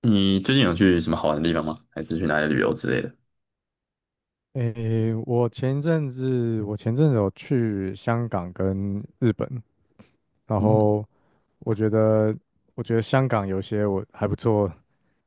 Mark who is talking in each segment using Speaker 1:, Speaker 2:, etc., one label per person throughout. Speaker 1: 你最近有去什么好玩的地方吗？还是去哪里旅游之类的？
Speaker 2: 诶，我前阵子有去香港跟日本，然
Speaker 1: 嗯。
Speaker 2: 后我觉得我觉得香港有些我还不错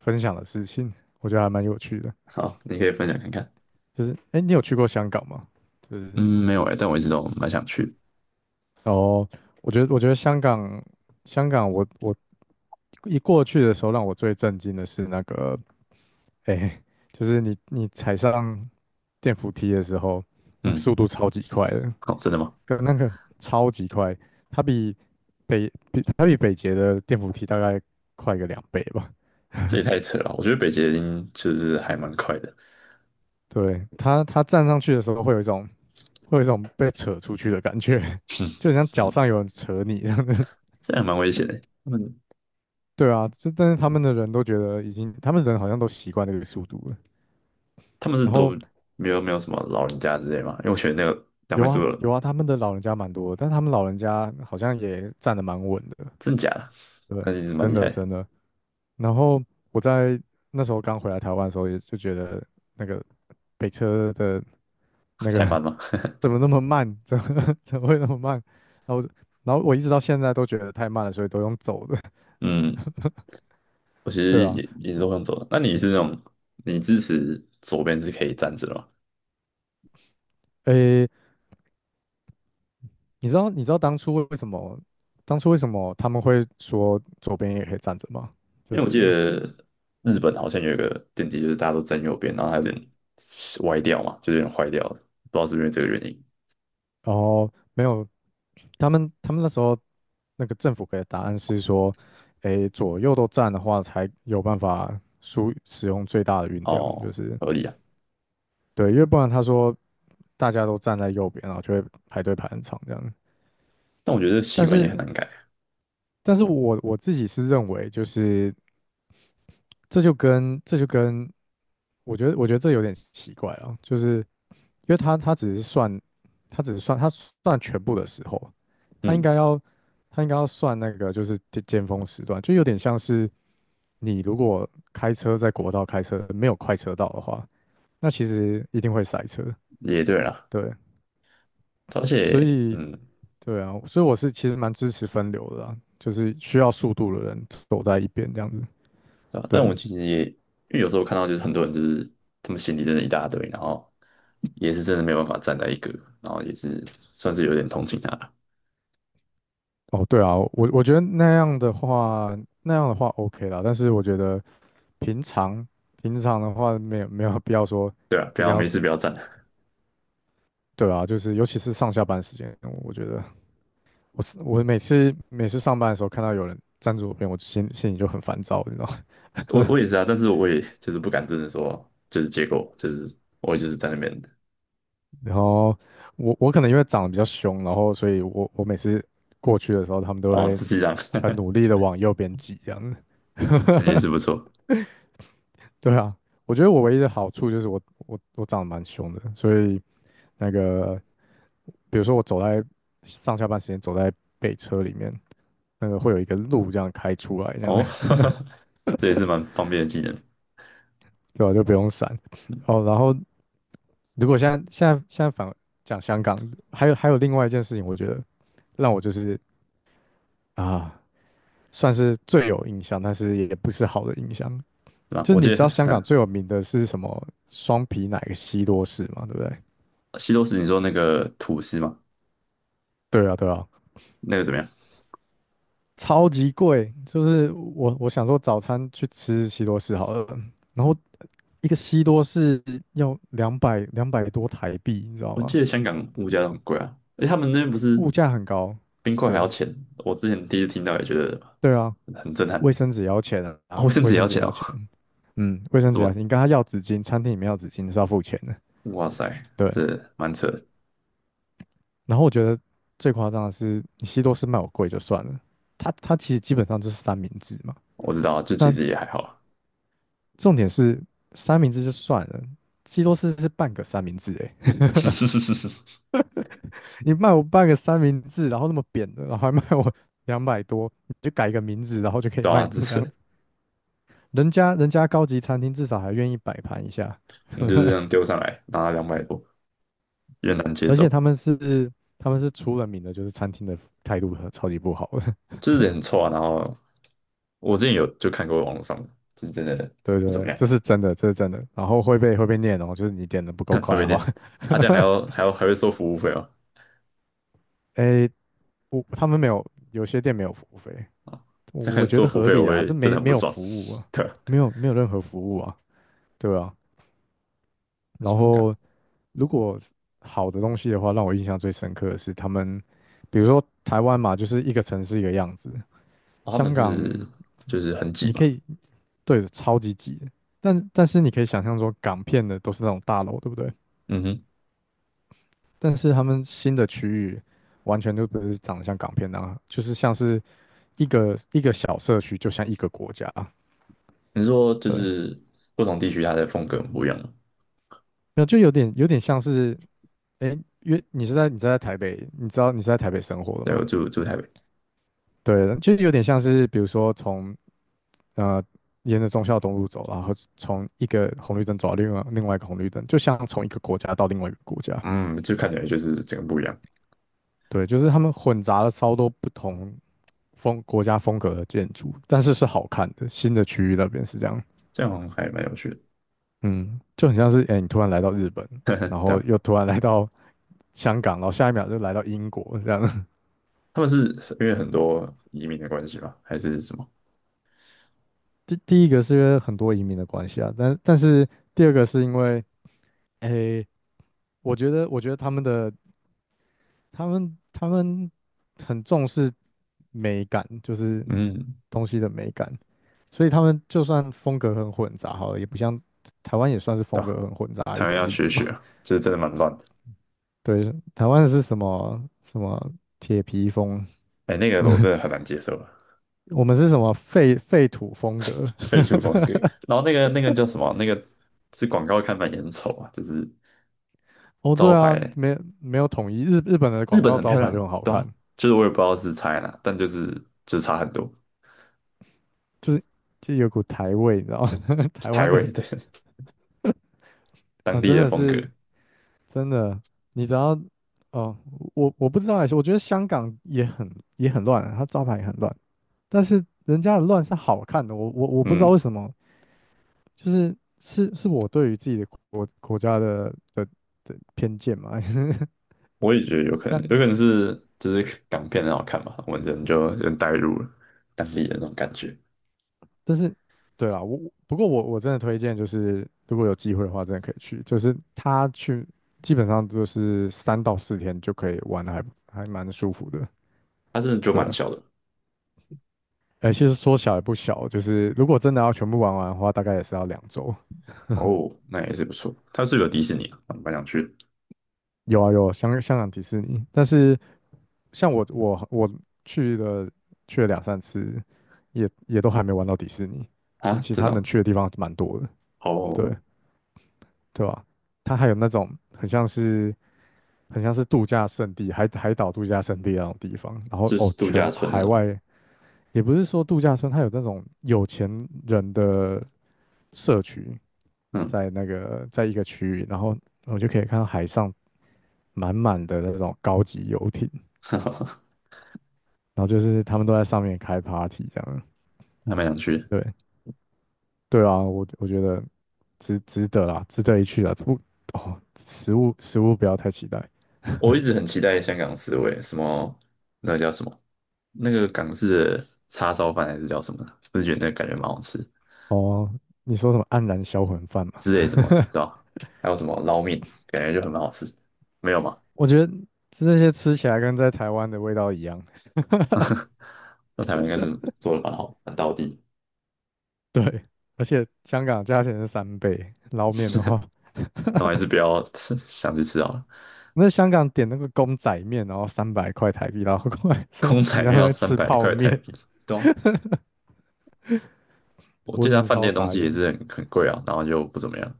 Speaker 2: 分享的事情，我觉得还蛮有趣的。
Speaker 1: 好，你可以分享看看。
Speaker 2: 就是诶，你有去过香港吗？就是
Speaker 1: 嗯，没有哎、但我一直都蛮想去。
Speaker 2: 哦，我觉得香港我一过去的时候，让我最震惊的是那个诶，就是你踩上电扶梯的时候，那个
Speaker 1: 嗯。
Speaker 2: 速度超级快的，
Speaker 1: 哦，真的吗？
Speaker 2: 跟那个超级快。它比它比北捷的电扶梯大概快个2倍吧。
Speaker 1: 这也太扯了！我觉得北捷已经就是还蛮快的。
Speaker 2: 对，它站上去的时候会有一种被扯出去的感觉，就很像脚
Speaker 1: 嗯。
Speaker 2: 上有人扯你一样的。
Speaker 1: 这还蛮危险的。他们
Speaker 2: 对啊，就但是他们的人都觉得已经，他们人好像都习惯这个速度了。
Speaker 1: 他们是
Speaker 2: 然
Speaker 1: 都
Speaker 2: 后
Speaker 1: 没有没有什么老人家之类吗？因为我觉得那个两位
Speaker 2: 有
Speaker 1: 数
Speaker 2: 啊
Speaker 1: 的，
Speaker 2: 有啊，他们的老人家蛮多的，但他们老人家好像也站得蛮稳的。
Speaker 1: 真假的？
Speaker 2: 对，
Speaker 1: 那一直蛮
Speaker 2: 真
Speaker 1: 厉
Speaker 2: 的
Speaker 1: 害的。
Speaker 2: 真的。然后我在那时候刚回来台湾的时候，也就觉得那个北车的那个
Speaker 1: 太慢吗？
Speaker 2: 怎么那么慢？怎么会那么慢？然后我就然后我一直到现在都觉得太慢了，所以都用走的，
Speaker 1: 嗯。我其
Speaker 2: 对
Speaker 1: 实也
Speaker 2: 啊。
Speaker 1: 也是都想走的。那你是那种你支持左边是可以站着的吗？
Speaker 2: 诶，你知道当初为什么他们会说左边也可以站着吗？就
Speaker 1: 因为我记
Speaker 2: 是
Speaker 1: 得日本好像有一个电梯，就是大家都站右边，然后它有点歪掉嘛，就是有点坏掉了，不知道是不是这个原因。
Speaker 2: 然后没有他们那时候那个政府给的答案是说，诶，左右都站的话才有办法使用最大的运量，
Speaker 1: 哦，
Speaker 2: 就是
Speaker 1: 合理啊。
Speaker 2: 对，因为不然他说大家都站在右边，然后就会排队排很长这样。
Speaker 1: 但我觉得习
Speaker 2: 但
Speaker 1: 惯也很
Speaker 2: 是
Speaker 1: 难改。
Speaker 2: 但是我自己是认为，就是这就跟这就跟，我觉得这有点奇怪啊，就是因为他只是算，他算全部的时候，他应
Speaker 1: 嗯。
Speaker 2: 该要他应该要算那个就是尖峰时段，就有点像是你如果开车在国道开车没有快车道的话，那其实一定会塞车，
Speaker 1: 也对啦，
Speaker 2: 对，
Speaker 1: 而
Speaker 2: 所
Speaker 1: 且
Speaker 2: 以对啊，所以我是其实蛮支持分流的啦，就是需要速度的人走在一边这样子，
Speaker 1: 对吧？
Speaker 2: 对。
Speaker 1: 但我其实也，因为有时候看到就是很多人就是他们行李真的一大堆，然后也是真的没有办法站在一个，然后也是算是有点同情他了。
Speaker 2: 哦，对啊，我觉得那样的话，那样的话 OK 啦。但是我觉得平常平常的话，没有没有必要说
Speaker 1: 对啊，不
Speaker 2: 一
Speaker 1: 要
Speaker 2: 定要
Speaker 1: 没事
Speaker 2: 做
Speaker 1: 不要站。
Speaker 2: 对啊，就是尤其是上下班时间，我觉得我每次上班的时候看到有人站左边，我就心里就很烦躁，你知道吗？
Speaker 1: 我也是啊，但是我也就是不敢真的说就是结果就是我也就是在那边。
Speaker 2: 然后我可能因为长得比较凶，然后所以我每次过去的时候，他们都
Speaker 1: 哦，
Speaker 2: 会
Speaker 1: 自己让
Speaker 2: 很努力 的往右边挤这样子。
Speaker 1: 那也是 不错。
Speaker 2: 对啊，我觉得我唯一的好处就是我长得蛮凶的，所以那个比如说我走在上下班时间走在北车里面，那个会有一个路这样开出来，这样
Speaker 1: 哦，这也是蛮方便的技能，是
Speaker 2: 对吧，就不用闪。哦，然后如果现在讲香港，还有另外一件事情，我觉得让我就是啊，算是最有印象，但是也不是好的印象。
Speaker 1: 吧？
Speaker 2: 就是
Speaker 1: 我
Speaker 2: 你
Speaker 1: 记
Speaker 2: 知道
Speaker 1: 得，
Speaker 2: 香港
Speaker 1: 嗯，
Speaker 2: 最有名的是什么双皮奶西多士嘛，对不对？
Speaker 1: 西多士你说那个吐司嘛，
Speaker 2: 对啊，对啊。
Speaker 1: 那个怎么样？
Speaker 2: 超级贵，就是我想说早餐去吃西多士好了，然后一个西多士要两百多台币，你知道
Speaker 1: 我
Speaker 2: 吗？
Speaker 1: 记得香港物价都很贵啊，而且他们那边不是
Speaker 2: 物价很高，
Speaker 1: 冰块还
Speaker 2: 对
Speaker 1: 要钱，我之前第一次听到也觉得
Speaker 2: 对啊，
Speaker 1: 很震撼。
Speaker 2: 卫生纸也要钱啊，
Speaker 1: 哦，甚
Speaker 2: 卫
Speaker 1: 至也要
Speaker 2: 生纸也
Speaker 1: 钱
Speaker 2: 要
Speaker 1: 哦。
Speaker 2: 钱，嗯，卫 生
Speaker 1: 怎
Speaker 2: 纸要
Speaker 1: 么？
Speaker 2: 钱，你跟他要纸巾，餐厅里面要纸巾是要付钱的，
Speaker 1: 哇塞，
Speaker 2: 对。
Speaker 1: 这蛮扯的。
Speaker 2: 然后我觉得最夸张的是，你西多士卖我贵就算了，它其实基本上就是三明治嘛，
Speaker 1: 我知道啊，就其
Speaker 2: 那
Speaker 1: 实也还好啊。
Speaker 2: 重点是三明治就算了，西多士是半个三明治诶，你卖我半个三明治，然后那么扁的，然后还卖我 两百多，你就改个名字，然后就可以
Speaker 1: 对啊，
Speaker 2: 卖
Speaker 1: 这
Speaker 2: 成这样
Speaker 1: 次
Speaker 2: 子。人家人家高级餐厅至少还愿意摆盘一下，对
Speaker 1: 你
Speaker 2: 不
Speaker 1: 就是这
Speaker 2: 对？
Speaker 1: 样丢上来，拿了200多，有点难接
Speaker 2: 而且
Speaker 1: 受。
Speaker 2: 他们是出了名的，就是餐厅的态度很超级不好的。
Speaker 1: 就是人很臭啊。然后我之前有就看过网络上的，就是真的
Speaker 2: 对对
Speaker 1: 不怎么
Speaker 2: 对，
Speaker 1: 样。
Speaker 2: 这是真的，这是真的。然后会被念哦，就是你点的不够
Speaker 1: 后
Speaker 2: 快
Speaker 1: 面
Speaker 2: 的话，
Speaker 1: 念啊，这样还要 还要还会收服务费哦。
Speaker 2: 诶，他们没有，有些店没有服务费，
Speaker 1: 啊，
Speaker 2: 我
Speaker 1: 这样
Speaker 2: 我觉
Speaker 1: 收
Speaker 2: 得
Speaker 1: 服务
Speaker 2: 合
Speaker 1: 费我
Speaker 2: 理啊，
Speaker 1: 会
Speaker 2: 这
Speaker 1: 真
Speaker 2: 没
Speaker 1: 的很
Speaker 2: 没
Speaker 1: 不
Speaker 2: 有
Speaker 1: 爽。
Speaker 2: 服务啊，
Speaker 1: 对啊。
Speaker 2: 没有没有任何服务啊，对啊。然
Speaker 1: 香港，
Speaker 2: 后如果好的东西的话，让我印象最深刻的是他们，比如说台湾嘛，就是一个城市一个样子，
Speaker 1: 哦，他们
Speaker 2: 香港
Speaker 1: 是
Speaker 2: 你
Speaker 1: 就是很挤
Speaker 2: 可
Speaker 1: 嘛。
Speaker 2: 以对超级挤的但是你可以想象说港片的都是那种大楼，对不对？
Speaker 1: 嗯哼。
Speaker 2: 但是他们新的区域完全就不是长得像港片那样，就是像是一个一个小社区，就像一个国家，
Speaker 1: 你是说就
Speaker 2: 对，
Speaker 1: 是不同地区它的风格很不一样吗？
Speaker 2: 那就有点像是，哎，因为你是在台北，你知道你是在台北生活的
Speaker 1: 对，
Speaker 2: 吗？
Speaker 1: 我住台北。
Speaker 2: 对，就有点像是，比如说从呃，沿着忠孝东路走，然后从一个红绿灯走到另外一个红绿灯，就像从一个国家到另外一个国家。
Speaker 1: 嗯，就看起来就是整个不一样。
Speaker 2: 对，就是他们混杂了超多不同国家风格的建筑，但是是好看的。新的区域那边是这样，
Speaker 1: 这样好像还蛮有趣的。
Speaker 2: 嗯，就很像是哎、诶你突然来到日本，
Speaker 1: 对
Speaker 2: 然后
Speaker 1: 啊，
Speaker 2: 又突然来到香港，然后下一秒就来到英国这样。
Speaker 1: 他们是因为很多移民的关系吧，还是什么？
Speaker 2: 第一个是因为很多移民的关系啊，但是第二个是因为哎、诶我觉得，我觉得他们的他们他们很重视美感，就是
Speaker 1: 嗯，
Speaker 2: 东西的美感，所以他们就算风格很混杂，好了，也不像台湾也算是
Speaker 1: 对
Speaker 2: 风格
Speaker 1: 啊，
Speaker 2: 很混杂的一
Speaker 1: 台湾
Speaker 2: 种
Speaker 1: 要
Speaker 2: 例
Speaker 1: 学
Speaker 2: 子
Speaker 1: 学，
Speaker 2: 嘛。
Speaker 1: 就是真的蛮乱的。
Speaker 2: 对，台湾是什么什么铁皮风，
Speaker 1: 哎，那
Speaker 2: 什
Speaker 1: 个我
Speaker 2: 么
Speaker 1: 真的很 难接受啊。
Speaker 2: 我们是什么废土风格？
Speaker 1: 废除风格。然后那个叫什么啊？那个是广告看板也很丑啊，就是
Speaker 2: 哦，
Speaker 1: 招
Speaker 2: 对啊，
Speaker 1: 牌。
Speaker 2: 没有统一，日本的
Speaker 1: 日
Speaker 2: 广
Speaker 1: 本
Speaker 2: 告
Speaker 1: 很
Speaker 2: 招
Speaker 1: 漂
Speaker 2: 牌就
Speaker 1: 亮，
Speaker 2: 很好
Speaker 1: 对啊，
Speaker 2: 看，
Speaker 1: 就是我也不知道是差在哪，但就是就是差很多。
Speaker 2: 就是就有股台味，你知道吗？台
Speaker 1: 台
Speaker 2: 湾的
Speaker 1: 味，对 当
Speaker 2: 啊，
Speaker 1: 地
Speaker 2: 真
Speaker 1: 的
Speaker 2: 的
Speaker 1: 风格。
Speaker 2: 是。真的，你只要哦，我不知道还是我觉得香港也很也很乱啊它招牌也很乱，但是人家的乱是好看的，我不知道为
Speaker 1: 嗯，
Speaker 2: 什么，就是是我对于自己的国家的偏见嘛，
Speaker 1: 我也觉得有可 能，
Speaker 2: 像
Speaker 1: 有可能是就是港片很好看嘛，我们人就人带入了当地的那种感觉。
Speaker 2: 但是对啦，我不过我真的推荐就是如果有机会的话，真的可以去，就是他去基本上就是3到4天就可以玩的还蛮舒服的，
Speaker 1: 它真的就
Speaker 2: 对
Speaker 1: 蛮
Speaker 2: 啊。
Speaker 1: 小的。
Speaker 2: 哎，其实说小也不小，就是如果真的要全部玩完的话，大概也是要2周。
Speaker 1: 哦，那也是不错。它是不是有迪士尼啊，蛮想去的。
Speaker 2: 有啊有，香港迪士尼，但是像我去了两三次，也都还没玩到迪士尼，就是
Speaker 1: 啊，
Speaker 2: 其
Speaker 1: 真
Speaker 2: 他
Speaker 1: 的
Speaker 2: 能
Speaker 1: 哦。
Speaker 2: 去的地方蛮多的，
Speaker 1: 好，
Speaker 2: 对，对吧，它还有那种很像是度假胜地，海岛度假胜地那种地方，然后
Speaker 1: 就
Speaker 2: 哦，
Speaker 1: 是度假
Speaker 2: 全
Speaker 1: 村那
Speaker 2: 海
Speaker 1: 种。
Speaker 2: 外也不是说度假村，它有那种有钱人的社区，
Speaker 1: 嗯，
Speaker 2: 在那个在一个区域，然后我就可以看到海上满满的那种高级游艇，
Speaker 1: 还
Speaker 2: 然后就是他们都在上面开 party 这样。
Speaker 1: 蛮想去的。
Speaker 2: 对对啊，我我觉得值得啦，值得一去啦。这不哦，食物不要太期待
Speaker 1: 我一直很期待香港四味，什么那个叫什么，那个港式的叉烧饭还是叫什么的，我就觉得那个感觉蛮好吃，
Speaker 2: 哦。你说什么黯然销魂饭嘛？
Speaker 1: 之类什么，对吧？还有什么捞面，感觉就很蛮好吃，没有吗？
Speaker 2: 我觉得这些吃起来跟在台湾的味道一样。
Speaker 1: 那台湾应该是做的蛮好，蛮到地。
Speaker 2: 对，而且香港价钱是3倍，捞面的话，
Speaker 1: 那我还是不要 想去吃好了。
Speaker 2: 那香港点那个公仔面，然后300块台币，然后过来说
Speaker 1: 空
Speaker 2: 就
Speaker 1: 仔
Speaker 2: 人家
Speaker 1: 面
Speaker 2: 都
Speaker 1: 要
Speaker 2: 在
Speaker 1: 三
Speaker 2: 吃
Speaker 1: 百
Speaker 2: 泡
Speaker 1: 块台
Speaker 2: 面，
Speaker 1: 币，对啊，我
Speaker 2: 我
Speaker 1: 记得
Speaker 2: 真
Speaker 1: 他
Speaker 2: 的
Speaker 1: 饭
Speaker 2: 超
Speaker 1: 店东
Speaker 2: 傻
Speaker 1: 西也
Speaker 2: 眼的。
Speaker 1: 是很很贵啊，然后就不怎么样。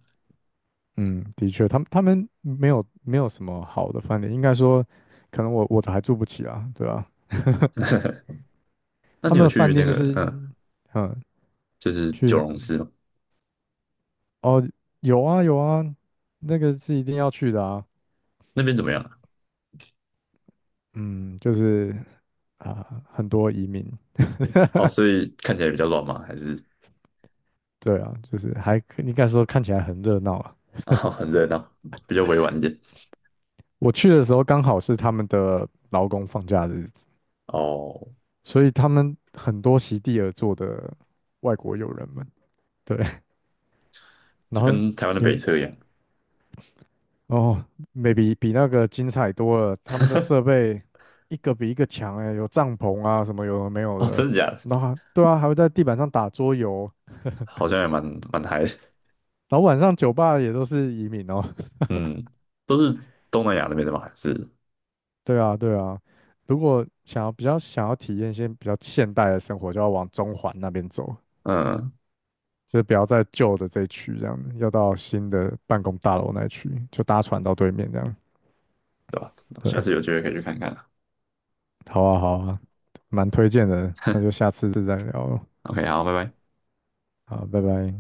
Speaker 2: 嗯，的确，他们没有没有什么好的饭店，应该说，可能我都还住不起啊，对吧，
Speaker 1: 那
Speaker 2: 他
Speaker 1: 你
Speaker 2: 们
Speaker 1: 有
Speaker 2: 的
Speaker 1: 去
Speaker 2: 饭
Speaker 1: 那
Speaker 2: 店就
Speaker 1: 个
Speaker 2: 是，
Speaker 1: 嗯，
Speaker 2: 嗯，
Speaker 1: 就是
Speaker 2: 去
Speaker 1: 九
Speaker 2: 哪
Speaker 1: 龙寺吗？
Speaker 2: 哦，有啊有啊，那个是一定要去的啊。
Speaker 1: 那边怎么样啊？
Speaker 2: 嗯，就是啊，很多移民，
Speaker 1: 哦，所以看起来比较乱吗？还是
Speaker 2: 对啊，就是还可应该说看起来很热闹啊。
Speaker 1: 啊 很热闹，比较委婉一点？
Speaker 2: 我去的时候刚好是他们的劳工放假日，
Speaker 1: 哦，
Speaker 2: 所以他们很多席地而坐的外国友人们，对，
Speaker 1: 就
Speaker 2: 然后
Speaker 1: 跟台湾的
Speaker 2: 因
Speaker 1: 北
Speaker 2: 为
Speaker 1: 车一样。
Speaker 2: 哦，maybe 比那个精彩多了，他们的设 备一个比一个强哎，有帐篷啊什么有的没有
Speaker 1: 哦，
Speaker 2: 的，
Speaker 1: 真的假的？
Speaker 2: 然后还对啊，还会在地板上打桌游，
Speaker 1: 好像也蛮嗨的。
Speaker 2: 然后晚上酒吧也都是移民哦，
Speaker 1: 嗯，都是东南亚那边的吗？还是
Speaker 2: 对啊对啊，如果想要比较想要体验一些比较现代的生活，就要往中环那边走。
Speaker 1: 嗯，
Speaker 2: 就是不要在旧的这一区这样要到新的办公大楼那一区，就搭船到对面这样。
Speaker 1: 对吧？
Speaker 2: 对，
Speaker 1: 下次有机会可以去看看啊。
Speaker 2: 好啊，好啊，蛮推荐的，那就 下次再聊了，
Speaker 1: OK，好，拜拜。
Speaker 2: 好，拜拜。